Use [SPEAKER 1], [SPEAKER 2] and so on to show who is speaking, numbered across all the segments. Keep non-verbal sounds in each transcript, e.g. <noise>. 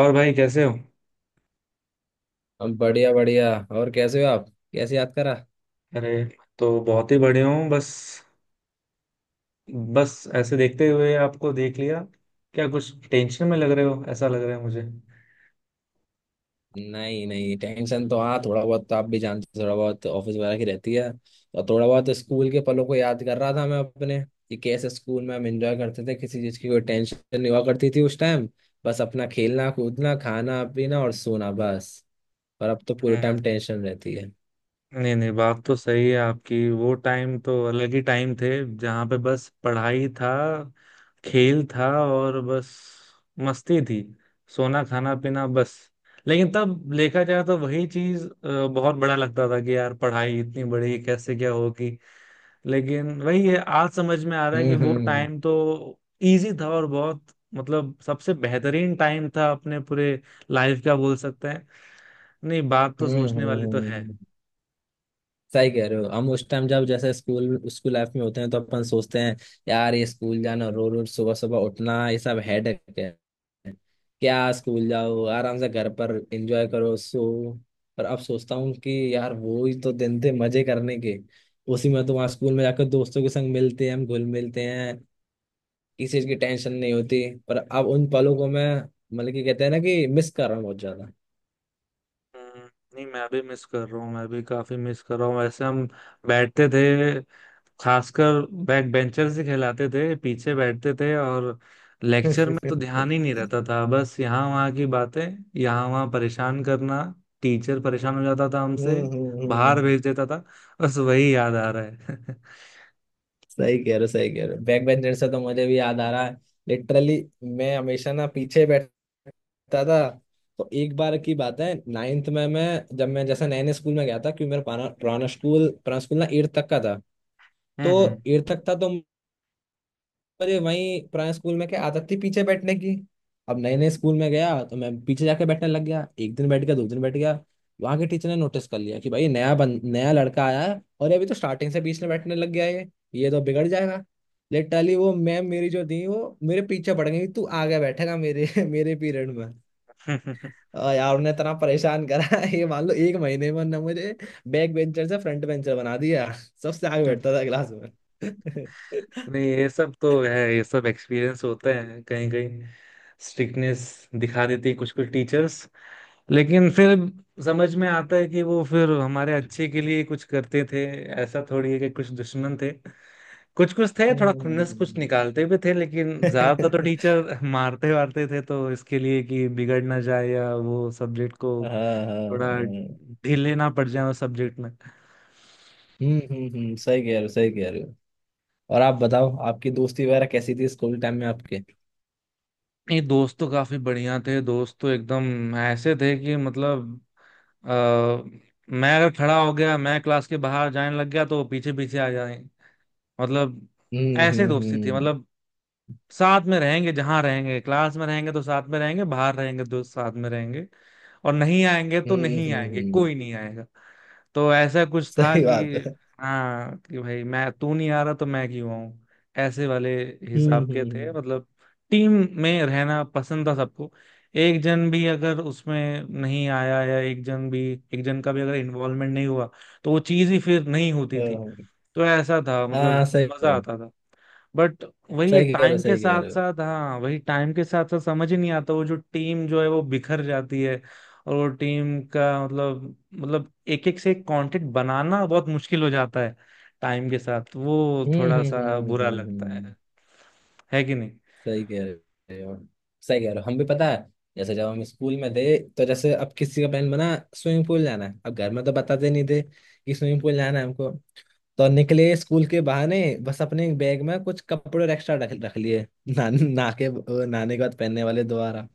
[SPEAKER 1] और भाई कैसे हो?
[SPEAKER 2] अब बढ़िया बढ़िया, और कैसे हो आप। कैसे याद करा?
[SPEAKER 1] अरे, तो बहुत ही बढ़िया हूँ। बस बस ऐसे देखते हुए आपको देख लिया। क्या कुछ टेंशन में लग रहे हो? ऐसा लग रहा है मुझे।
[SPEAKER 2] नहीं नहीं, टेंशन तो हाँ थोड़ा बहुत, तो आप भी जानते हो, थोड़ा बहुत ऑफिस वगैरह की रहती है। तो थोड़ा बहुत स्कूल के पलों को याद कर रहा था मैं अपने, कि कैसे स्कूल में हम एंजॉय करते थे, किसी चीज़ की कोई टेंशन नहीं हुआ करती थी उस टाइम। बस अपना खेलना कूदना खाना पीना और सोना बस। और अब तो पूरे
[SPEAKER 1] हम्म।
[SPEAKER 2] टाइम टेंशन रहती है।
[SPEAKER 1] नहीं नहीं, बात तो सही है आपकी। वो टाइम तो अलग ही टाइम थे, जहाँ पे बस पढ़ाई था, खेल था और बस मस्ती थी, सोना खाना पीना बस। लेकिन तब देखा जाए तो वही चीज बहुत बड़ा लगता था कि यार पढ़ाई इतनी बड़ी कैसे क्या होगी। लेकिन वही है, आज समझ में आ रहा है कि
[SPEAKER 2] हम्म
[SPEAKER 1] वो
[SPEAKER 2] हम्म
[SPEAKER 1] टाइम तो इजी था और बहुत मतलब सबसे बेहतरीन टाइम था अपने पूरे लाइफ का बोल सकते हैं। नहीं, बात तो
[SPEAKER 2] हम्म हम्म
[SPEAKER 1] सोचने वाली तो है।
[SPEAKER 2] हम्म। सही कह रहे हो। हम उस टाइम, जब जैसे स्कूल स्कूल लाइफ में होते हैं तो अपन सोचते हैं, यार ये स्कूल जाना, रोज रोज सुबह सुबह उठना, ये सब हेडेक है। क्या स्कूल जाओ, आराम से घर पर एंजॉय करो, सो। पर अब सोचता हूँ कि यार वो ही तो दिन थे मजे करने के। उसी में तो, वहाँ स्कूल में जाकर दोस्तों के संग मिलते हैं, हम घुल मिलते हैं, किसी चीज की टेंशन नहीं होती। पर अब उन पलों को मैं, मतलब कि कहते हैं ना, कि मिस कर रहा हूँ बहुत ज्यादा।
[SPEAKER 1] हम्म। नहीं, मैं भी मिस कर रहा हूँ, मैं भी काफी मिस कर रहा हूँ। वैसे हम बैठते थे खासकर बैक बेंचर से, खिलाते थे पीछे बैठते थे, और
[SPEAKER 2] <laughs>
[SPEAKER 1] लेक्चर में तो
[SPEAKER 2] हम्म
[SPEAKER 1] ध्यान ही नहीं रहता था। बस यहाँ वहाँ की बातें, यहाँ वहाँ परेशान करना। टीचर परेशान हो जाता था हमसे,
[SPEAKER 2] हम्म
[SPEAKER 1] बाहर
[SPEAKER 2] हम्म।
[SPEAKER 1] भेज देता था। बस वही याद आ रहा है। <laughs>
[SPEAKER 2] सही कह रहे हो सही कह रहे हो। बैक बेंचर से तो मुझे भी याद आ रहा है, लिटरली। मैं हमेशा ना पीछे बैठता था। तो एक बार की बात है, नाइन्थ में मैं जब मैं जैसे नए नए स्कूल में गया था, क्योंकि मेरा पुराना पुराना स्कूल ना तो
[SPEAKER 1] हम्म
[SPEAKER 2] एट तक था तो, अरे वही पुराने स्कूल में क्या आदत थी पीछे बैठने की। अब नए नए स्कूल में गया तो मैं पीछे जाके बैठने लग गया, एक दिन बैठ गया, दो दिन बैठ गया, वहां के टीचर ने नोटिस कर लिया कि भाई नया लड़का आया है और ये अभी तो स्टार्टिंग से बीच में बैठने लग गया है, ये तो बिगड़ जाएगा। लिटरली वो मैम मेरी जो थी, वो मेरे पीछे पड़ गई, तू आगे बैठेगा मेरे <laughs> मेरे पीरियड में।
[SPEAKER 1] हम्म।
[SPEAKER 2] और यार उन्हें इतना परेशान करा <laughs> ये मान लो एक महीने में ना मुझे बैक बेंचर से फ्रंट बेंचर बना दिया। सबसे आगे बैठता था क्लास में।
[SPEAKER 1] <laughs> नहीं,
[SPEAKER 2] <laughs>
[SPEAKER 1] ये सब तो है, ये सब एक्सपीरियंस होते हैं। कहीं कहीं स्ट्रिक्टनेस दिखा देती कुछ कुछ टीचर्स, लेकिन फिर समझ में आता है कि वो फिर हमारे अच्छे के लिए कुछ करते थे। ऐसा थोड़ी है कि कुछ दुश्मन थे। कुछ कुछ थे, थोड़ा खुन्नस कुछ
[SPEAKER 2] हम्म।
[SPEAKER 1] निकालते भी थे, लेकिन ज्यादातर तो
[SPEAKER 2] हाँ
[SPEAKER 1] टीचर <laughs> मारते वारते थे तो इसके लिए कि बिगड़ ना जाए, या वो सब्जेक्ट को
[SPEAKER 2] हाँ
[SPEAKER 1] थोड़ा
[SPEAKER 2] हाँ।
[SPEAKER 1] ढीले ना पड़ जाए उस सब्जेक्ट में।
[SPEAKER 2] हम्म। सही कह रहे हो सही कह रहे हो। और आप बताओ, आपकी दोस्ती वगैरह कैसी थी स्कूल टाइम में आपके?
[SPEAKER 1] नहीं, दोस्त तो काफी बढ़िया थे। दोस्त तो एकदम ऐसे थे कि मतलब अ, मैं अगर खड़ा हो गया, मैं क्लास के बाहर जाने लग गया तो वो पीछे पीछे आ जाए, मतलब
[SPEAKER 2] हम्म
[SPEAKER 1] ऐसे
[SPEAKER 2] हम्म
[SPEAKER 1] दोस्ती थी।
[SPEAKER 2] हम्म
[SPEAKER 1] मतलब साथ में रहेंगे, जहां रहेंगे, क्लास में रहेंगे तो साथ में रहेंगे, बाहर रहेंगे तो साथ में रहेंगे। और नहीं आएंगे तो
[SPEAKER 2] हम्म
[SPEAKER 1] नहीं
[SPEAKER 2] हम्म
[SPEAKER 1] आएंगे,
[SPEAKER 2] हम्म,
[SPEAKER 1] कोई नहीं आएगा। तो ऐसा कुछ था
[SPEAKER 2] सही
[SPEAKER 1] कि
[SPEAKER 2] बात है।
[SPEAKER 1] हाँ कि भाई मैं, तू नहीं आ रहा तो मैं क्यों आऊं। ऐसे वाले
[SPEAKER 2] हम्म
[SPEAKER 1] हिसाब के थे,
[SPEAKER 2] हम्म
[SPEAKER 1] मतलब टीम में रहना पसंद था सबको। एक जन भी अगर उसमें नहीं आया, या एक जन भी, एक जन का भी अगर इन्वॉल्वमेंट नहीं हुआ तो वो चीज ही फिर नहीं होती थी।
[SPEAKER 2] हम्म,
[SPEAKER 1] तो ऐसा था
[SPEAKER 2] हाँ हाँ,
[SPEAKER 1] मतलब, मजा
[SPEAKER 2] हाँ,
[SPEAKER 1] आता था। बट वही है,
[SPEAKER 2] सही कह रहे हो
[SPEAKER 1] टाइम के
[SPEAKER 2] सही कह
[SPEAKER 1] साथ
[SPEAKER 2] रहे हो
[SPEAKER 1] साथ, हाँ, वही टाइम के साथ साथ समझ ही नहीं आता, वो जो टीम जो है वो बिखर जाती है। और वो टीम का मतलब, मतलब एक एक से एक कांटेक्ट बनाना बहुत मुश्किल हो जाता है टाइम के साथ। वो
[SPEAKER 2] सही कह
[SPEAKER 1] थोड़ा
[SPEAKER 2] रहे हो।
[SPEAKER 1] सा बुरा लगता है है कि नहीं।
[SPEAKER 2] सही कह रहे हो सही कह रहे हो। हम भी, पता है, जैसे जब हम स्कूल में थे, तो जैसे अब किसी का प्लान बना, स्विमिंग पूल जाना है। अब घर में तो बताते नहीं थे कि स्विमिंग पूल जाना है हमको। तो निकले स्कूल के बहाने, बस अपने बैग में कुछ कपड़े और एक्स्ट्रा रख रख लिए <laughs> ना के नहाने के बाद पहनने वाले, दोबारा।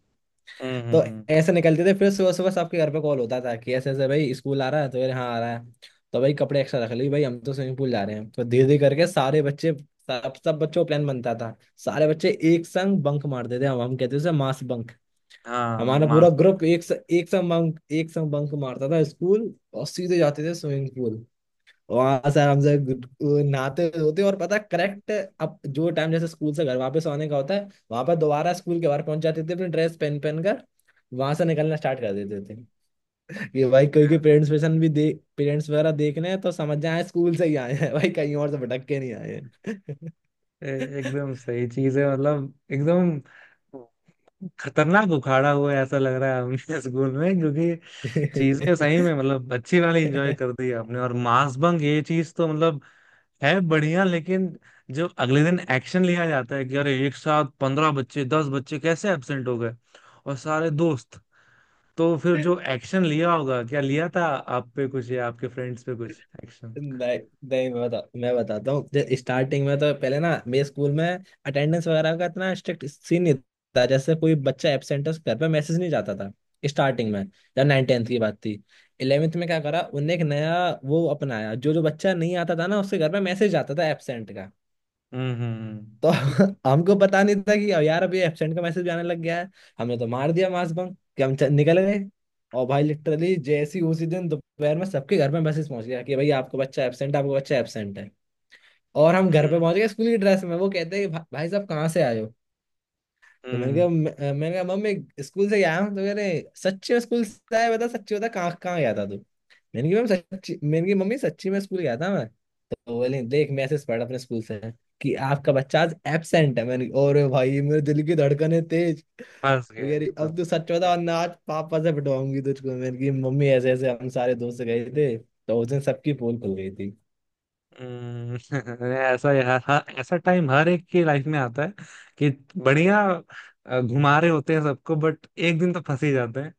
[SPEAKER 1] हम्म हम्म
[SPEAKER 2] तो
[SPEAKER 1] हम्म।
[SPEAKER 2] ऐसे निकलते थे। फिर सुबह सुबह सबके घर पे कॉल होता था, कि ऐसे ऐसे भाई स्कूल आ रहा है? तो यार हाँ आ रहा है, तो भाई कपड़े एक्स्ट्रा रख लिए, भाई हम तो स्विमिंग पूल जा रहे हैं। तो धीरे धीरे करके सारे बच्चे, सब सब बच्चों का प्लान बनता था। सारे बच्चे एक संग बंक मारते थे, हम कहते थे उसे मास बंक।
[SPEAKER 1] हाँ,
[SPEAKER 2] हमारा पूरा
[SPEAKER 1] मांस
[SPEAKER 2] ग्रुप
[SPEAKER 1] बंद।
[SPEAKER 2] एक संग बंक मारता था स्कूल, और सीधे जाते थे स्विमिंग पूल। वहां से आराम से नहाते धोते, और पता करेक्ट, अब जो टाइम जैसे स्कूल से घर वापस आने का होता है, वहां पर दोबारा स्कूल के बाहर पहुंच जाते थे अपनी ड्रेस पहन पहन कर। वहां से निकलना स्टार्ट कर देते थे। ये भाई कोई के पेरेंट्स पेशन भी दे, पेरेंट्स वगैरह देख रहे हैं तो समझ जाए स्कूल से ही आए हैं <laughs> भाई कहीं और से भटक के नहीं आए
[SPEAKER 1] एकदम सही चीज है, मतलब एकदम खतरनाक उखाड़ा हुआ है, ऐसा लग रहा है हमें। <laughs> स्कूल में क्योंकि
[SPEAKER 2] हैं।
[SPEAKER 1] चीजें सही में मतलब अच्छी वाली एंजॉय कर दी आपने। और मास बंग, ये चीज तो मतलब है बढ़िया, लेकिन जो अगले दिन एक्शन लिया जाता है कि अरे एक साथ पंद्रह बच्चे, दस बच्चे कैसे एब्सेंट हो गए और सारे दोस्त, तो फिर
[SPEAKER 2] <laughs>
[SPEAKER 1] जो एक्शन लिया होगा, क्या लिया था आप पे कुछ या आपके फ्रेंड्स पे कुछ एक्शन?
[SPEAKER 2] नहीं नहीं, मैं बताता हूँ। स्टार्टिंग में तो पहले ना मेरे स्कूल में अटेंडेंस वगैरह का इतना स्ट्रिक्ट सीन नहीं था। जैसे कोई बच्चा एबसेंट है, उसके घर पे मैसेज नहीं जाता था स्टार्टिंग में। जब नाइन टेंथ की बात थी, इलेवेंथ में क्या करा उनने, एक नया वो अपनाया, जो जो बच्चा नहीं आता था ना, उसके घर पे मैसेज आता था एबसेंट।
[SPEAKER 1] हम्म हम्म
[SPEAKER 2] तो <laughs> हमको पता नहीं था कि अब यार अभी एब्सेंट का मैसेज आने लग गया है। हमने तो मार दिया मास बंक, कि हम निकल गए। और भाई लिटरली जैसी उसी दिन दोपहर में सबके घर में मैसेज पहुंच गया कि भाई आपको बच्चा एब्सेंट है, आपको बच्चा एब्सेंट है। और हम घर पे
[SPEAKER 1] हम्म
[SPEAKER 2] पहुंच गए स्कूल की ड्रेस में, वो कहते हैं कि भाई साहब कहाँ से आए हो? तो मैंने
[SPEAKER 1] हम्म।
[SPEAKER 2] कहा, मैंने कहा मम्मी स्कूल से गया हूँ। तो कह रहे, सच्ची में स्कूल से आया? बता सच्ची, बता कहाँ कहाँ गया था तू? मैंने कहा मैम सच्ची, मैंने कहा मम्मी सच्ची में स्कूल गया था मैं। तो बोले, देख मैसेज पड़ा अपने स्कूल से कि आपका बच्चा आज एबसेंट है। मैंने कहा, और भाई मेरे दिल की धड़कनें तेज।
[SPEAKER 1] फंस
[SPEAKER 2] वो
[SPEAKER 1] गया
[SPEAKER 2] कह रही,
[SPEAKER 1] एकदम।
[SPEAKER 2] अब तू सच बता वरना आज पापा से पिटवाऊंगी तुझको। मैंने कहा मम्मी ऐसे ऐसे हम सारे दोस्त गए थे। तो उस दिन सबकी पोल खुल गई थी।
[SPEAKER 1] हम्म। <laughs> ऐसा यार, हाँ, ऐसा टाइम हर एक की लाइफ में आता है कि बढ़िया घुमा रहे होते हैं सबको, बट एक दिन तो फंस ही जाते हैं,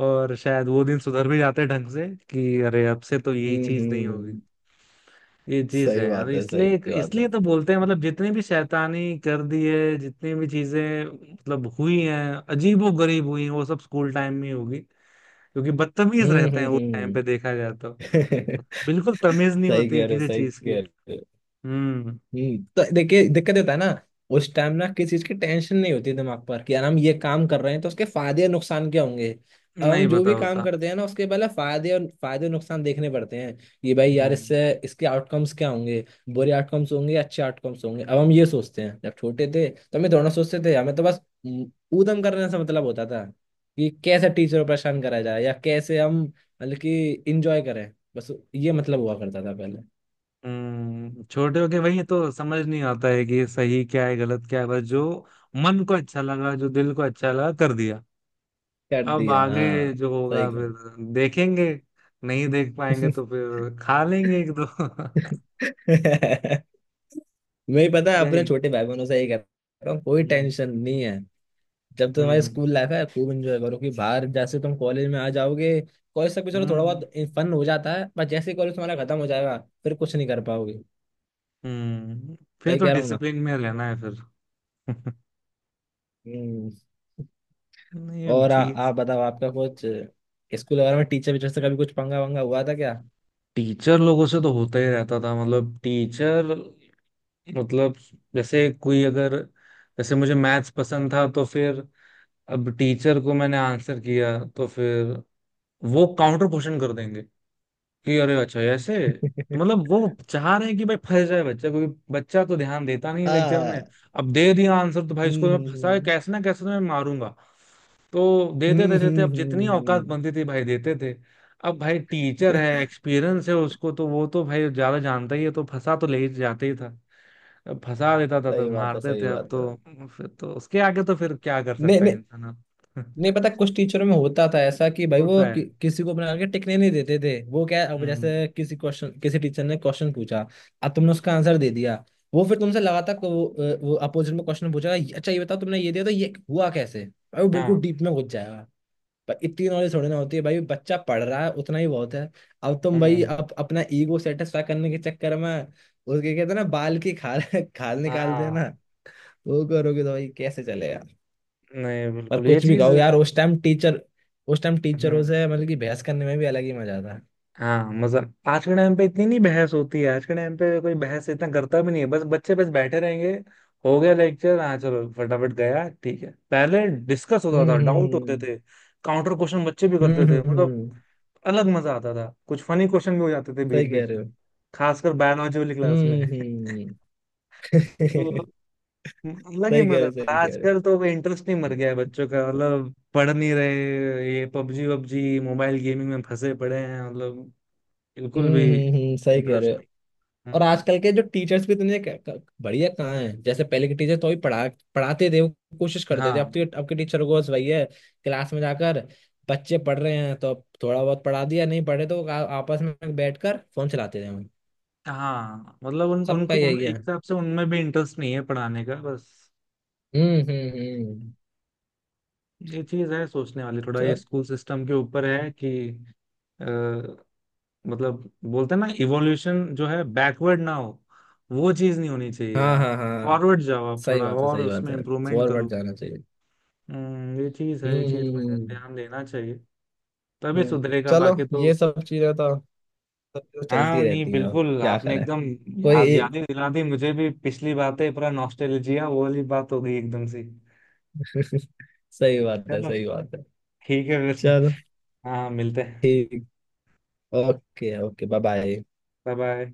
[SPEAKER 1] और शायद वो दिन सुधर भी जाते हैं ढंग से कि अरे अब से तो यही चीज नहीं होगी।
[SPEAKER 2] हम्म,
[SPEAKER 1] ये चीज
[SPEAKER 2] सही
[SPEAKER 1] है यार,
[SPEAKER 2] बात है
[SPEAKER 1] इसलिए
[SPEAKER 2] सही बात है।
[SPEAKER 1] इसलिए तो बोलते हैं मतलब जितनी भी शैतानी कर दी है, जितनी भी चीजें मतलब हुई हैं, अजीबो गरीब हुई हैं, वो सब स्कूल टाइम में ही होगी, क्योंकि बदतमीज रहते हैं वो टाइम
[SPEAKER 2] हम्म।
[SPEAKER 1] पे देखा जाए तो।
[SPEAKER 2] <laughs>
[SPEAKER 1] बिल्कुल तमीज नहीं
[SPEAKER 2] सही
[SPEAKER 1] होती
[SPEAKER 2] कह रहे हो
[SPEAKER 1] किसी
[SPEAKER 2] सही
[SPEAKER 1] चीज।
[SPEAKER 2] कह रहे हो।
[SPEAKER 1] हम्म।
[SPEAKER 2] तो देखिए दिक्कत ये होता है ना, उस टाइम ना किसी चीज की टेंशन नहीं होती दिमाग पर, कि यार हम ये काम कर रहे हैं तो उसके फायदे और नुकसान क्या होंगे। अब हम
[SPEAKER 1] नहीं
[SPEAKER 2] जो
[SPEAKER 1] पता
[SPEAKER 2] भी काम
[SPEAKER 1] होता।
[SPEAKER 2] करते हैं ना, उसके पहले फायदे और नुकसान देखने पड़ते हैं, कि भाई यार
[SPEAKER 1] हम्म
[SPEAKER 2] इससे इसके आउटकम्स क्या होंगे, बुरे आउटकम्स होंगे, अच्छे आउटकम्स होंगे। अब हम ये सोचते हैं, जब छोटे थे तो हम ये दोनों सोचते थे, हमें तो बस, हम्म, ऊधम करने से मतलब होता था, कि कैसे टीचर को परेशान करा जाए, या कैसे हम मतलब कि इंजॉय करें। बस ये मतलब हुआ करता था पहले।
[SPEAKER 1] हम्म। छोटे होके वही तो समझ नहीं आता है कि सही क्या है गलत क्या है, बस जो मन को अच्छा लगा, जो दिल को अच्छा लगा, कर दिया।
[SPEAKER 2] कर
[SPEAKER 1] अब
[SPEAKER 2] दिया,
[SPEAKER 1] आगे
[SPEAKER 2] हाँ।
[SPEAKER 1] जो
[SPEAKER 2] सही।
[SPEAKER 1] होगा फिर देखेंगे, नहीं देख पाएंगे तो
[SPEAKER 2] <laughs>
[SPEAKER 1] फिर खा लेंगे एक दो।
[SPEAKER 2] मैं ही
[SPEAKER 1] <laughs>
[SPEAKER 2] पता है, अपने
[SPEAKER 1] यही।
[SPEAKER 2] छोटे भाई बहनों से यही कहता हूँ, कोई
[SPEAKER 1] हम्म
[SPEAKER 2] टेंशन नहीं है। जब तुम्हारी
[SPEAKER 1] हम्म
[SPEAKER 2] स्कूल लाइफ है खूब एंजॉय करो, कि बाहर जैसे तुम कॉलेज में आ जाओगे, कॉलेज तक भी चलो थोड़ा
[SPEAKER 1] हम्म
[SPEAKER 2] बहुत फन हो जाता है, बस जैसे ही कॉलेज तुम्हारा खत्म हो जाएगा, फिर कुछ नहीं कर पाओगे।
[SPEAKER 1] हम्म।
[SPEAKER 2] तो
[SPEAKER 1] फिर
[SPEAKER 2] ये
[SPEAKER 1] तो
[SPEAKER 2] कह रहा हूँ ना।
[SPEAKER 1] डिसिप्लिन में रहना है फिर। <laughs>
[SPEAKER 2] हम्म।
[SPEAKER 1] नहीं, अब
[SPEAKER 2] और
[SPEAKER 1] ठीक।
[SPEAKER 2] आप बताओ, आपका कुछ स्कूल वगैरह में टीचर वीचर से कभी कुछ पंगा वंगा हुआ था क्या?
[SPEAKER 1] टीचर लोगों से तो होता ही रहता था, मतलब टीचर, मतलब जैसे कोई अगर, जैसे मुझे मैथ्स पसंद था तो फिर अब टीचर को मैंने आंसर किया तो फिर वो काउंटर क्वेश्चन कर देंगे कि अरे अच्छा ऐसे। तो
[SPEAKER 2] <laughs>
[SPEAKER 1] मतलब वो चाह रहे हैं कि भाई फंस जाए बच्चा, क्योंकि बच्चा तो ध्यान देता नहीं है लेक्चर में।
[SPEAKER 2] हाँ।
[SPEAKER 1] अब दे दिया आंसर तो भाई इसको
[SPEAKER 2] हम्म
[SPEAKER 1] मैं फंसा है,
[SPEAKER 2] हम्म
[SPEAKER 1] कैसे ना कैसे तो मैं मारूंगा। तो देते देते देते, अब जितनी औकात
[SPEAKER 2] हम्म।
[SPEAKER 1] बनती थी भाई देते थे। अब भाई टीचर है,
[SPEAKER 2] <laughs>
[SPEAKER 1] एक्सपीरियंस है उसको, तो वो तो भाई ज्यादा जानता ही है, तो फंसा तो ले ही जाते ही था। अब फंसा देता था तो
[SPEAKER 2] सही बात है
[SPEAKER 1] मारते
[SPEAKER 2] सही
[SPEAKER 1] थे। अब
[SPEAKER 2] बात है।
[SPEAKER 1] तो फिर तो उसके आगे तो फिर क्या कर
[SPEAKER 2] नहीं
[SPEAKER 1] सकता है
[SPEAKER 2] नहीं।
[SPEAKER 1] इंसान। अब
[SPEAKER 2] नहीं पता, कुछ टीचरों में होता था ऐसा कि
[SPEAKER 1] <laughs>
[SPEAKER 2] भाई वो
[SPEAKER 1] होता है।
[SPEAKER 2] किसी को बना के टिकने नहीं देते थे। वो क्या है, अब
[SPEAKER 1] हम्म।
[SPEAKER 2] जैसे किसी क्वेश्चन, किसी टीचर ने क्वेश्चन पूछा, अब तुमने उसका आंसर दे दिया, वो फिर तुमसे लगातार वो अपोजिट में क्वेश्चन पूछेगा, अच्छा ये बताओ, तुमने ये दिया तो ये हुआ कैसे भाई, वो
[SPEAKER 1] हाँ।
[SPEAKER 2] बिल्कुल डीप में घुस जाएगा। पर इतनी नॉलेज थोड़ी ना होती है भाई, बच्चा पढ़ रहा है उतना ही बहुत है। अब तुम भाई
[SPEAKER 1] हम्म।
[SPEAKER 2] अपना ईगो सेटिस्फाई करने के चक्कर में उसके, कहते हैं ना बाल की खाल <laughs> खाल निकाल
[SPEAKER 1] हाँ,
[SPEAKER 2] देना, वो करोगे तो भाई कैसे चलेगा।
[SPEAKER 1] नहीं,
[SPEAKER 2] पर
[SPEAKER 1] बिल्कुल ये
[SPEAKER 2] कुछ भी
[SPEAKER 1] चीज।
[SPEAKER 2] गाओ यार, उस टाइम टीचरों
[SPEAKER 1] हम्म।
[SPEAKER 2] से मतलब कि बहस करने में भी अलग ही मजा था।
[SPEAKER 1] हाँ, मतलब आज के टाइम पे इतनी नहीं बहस होती है, आज के टाइम पे कोई बहस इतना करता भी नहीं है, बस बच्चे बस बैठे रहेंगे। हो गया लेक्चर, हाँ चलो फटाफट गया ठीक है। पहले डिस्कस होता
[SPEAKER 2] हम्म
[SPEAKER 1] था, डाउट होते
[SPEAKER 2] हम्म
[SPEAKER 1] थे, काउंटर क्वेश्चन बच्चे भी
[SPEAKER 2] हम्म
[SPEAKER 1] करते
[SPEAKER 2] हम्म
[SPEAKER 1] थे
[SPEAKER 2] हम्म
[SPEAKER 1] मतलब।
[SPEAKER 2] हम्म,
[SPEAKER 1] अलग मजा आता था, कुछ फनी क्वेश्चन भी हो जाते थे बीच
[SPEAKER 2] सही कह
[SPEAKER 1] बीच
[SPEAKER 2] रहे
[SPEAKER 1] में,
[SPEAKER 2] हो।
[SPEAKER 1] खासकर बायोलॉजी वाली क्लास में।
[SPEAKER 2] हम्म
[SPEAKER 1] <laughs>
[SPEAKER 2] हम्म
[SPEAKER 1] तो
[SPEAKER 2] हम्म। <laughs>
[SPEAKER 1] अलग ही
[SPEAKER 2] सही कह रहे
[SPEAKER 1] मजा
[SPEAKER 2] हो
[SPEAKER 1] था।
[SPEAKER 2] सही कह रहे हो।
[SPEAKER 1] आजकल तो इंटरेस्ट नहीं, मर गया है बच्चों का, मतलब पढ़ नहीं रहे, ये पबजी वबजी मोबाइल गेमिंग में फंसे पड़े हैं, मतलब बिल्कुल भी
[SPEAKER 2] सही कह रहे
[SPEAKER 1] इंटरेस्ट नहीं।
[SPEAKER 2] हो।
[SPEAKER 1] हम्म।
[SPEAKER 2] और आजकल के जो टीचर्स भी, इतने बढ़िया कहाँ हैं? जैसे पहले के टीचर तो ही पढ़ाते थे, वो कोशिश करते थे। अब
[SPEAKER 1] हाँ
[SPEAKER 2] तो, अब के टीचरों को बस वही है, क्लास में जाकर बच्चे पढ़ रहे हैं तो अब थोड़ा बहुत पढ़ा दिया, नहीं पढ़े तो आपस में बैठकर फोन चलाते थे हम।
[SPEAKER 1] हाँ, मतलब उनको
[SPEAKER 2] सबका
[SPEAKER 1] उनको उन,
[SPEAKER 2] यही
[SPEAKER 1] एक
[SPEAKER 2] है।
[SPEAKER 1] हिसाब से उनमें भी इंटरेस्ट नहीं है पढ़ाने का, बस।
[SPEAKER 2] हम्म।
[SPEAKER 1] ये चीज है सोचने वाली, थोड़ा ये
[SPEAKER 2] चल।
[SPEAKER 1] स्कूल सिस्टम के ऊपर है कि अ, मतलब बोलते हैं ना इवोल्यूशन जो है बैकवर्ड ना हो। वो चीज नहीं होनी चाहिए।
[SPEAKER 2] हाँ
[SPEAKER 1] आप
[SPEAKER 2] हाँ हाँ।
[SPEAKER 1] फॉरवर्ड जाओ आप
[SPEAKER 2] सही
[SPEAKER 1] थोड़ा,
[SPEAKER 2] बात है
[SPEAKER 1] और
[SPEAKER 2] सही बात
[SPEAKER 1] उसमें
[SPEAKER 2] है।
[SPEAKER 1] इम्प्रूवमेंट
[SPEAKER 2] फॉरवर्ड
[SPEAKER 1] करो।
[SPEAKER 2] जाना चाहिए।
[SPEAKER 1] ये चीज है, ये चीज
[SPEAKER 2] हम्म
[SPEAKER 1] में
[SPEAKER 2] हम्म
[SPEAKER 1] ध्यान देना चाहिए, तभी
[SPEAKER 2] हम्म हम्म।
[SPEAKER 1] सुधरेगा
[SPEAKER 2] चलो
[SPEAKER 1] बाकी तो।
[SPEAKER 2] ये सब चीजें तो, सब चीजें
[SPEAKER 1] हाँ,
[SPEAKER 2] चलती
[SPEAKER 1] नहीं
[SPEAKER 2] रहती हैं, अब
[SPEAKER 1] बिल्कुल,
[SPEAKER 2] क्या
[SPEAKER 1] आपने
[SPEAKER 2] करें।
[SPEAKER 1] एकदम
[SPEAKER 2] कोई।
[SPEAKER 1] याद याद ही दिला दी मुझे भी पिछली बातें, पूरा नॉस्टैल्जिया वो वाली बात हो गई एकदम से।
[SPEAKER 2] <laughs> सही बात है
[SPEAKER 1] चलो,
[SPEAKER 2] सही बात है।
[SPEAKER 1] ठीक है फिर।
[SPEAKER 2] चलो,
[SPEAKER 1] हाँ, मिलते हैं।
[SPEAKER 2] ठीक। Okay okay, bye bye.
[SPEAKER 1] Bye bye.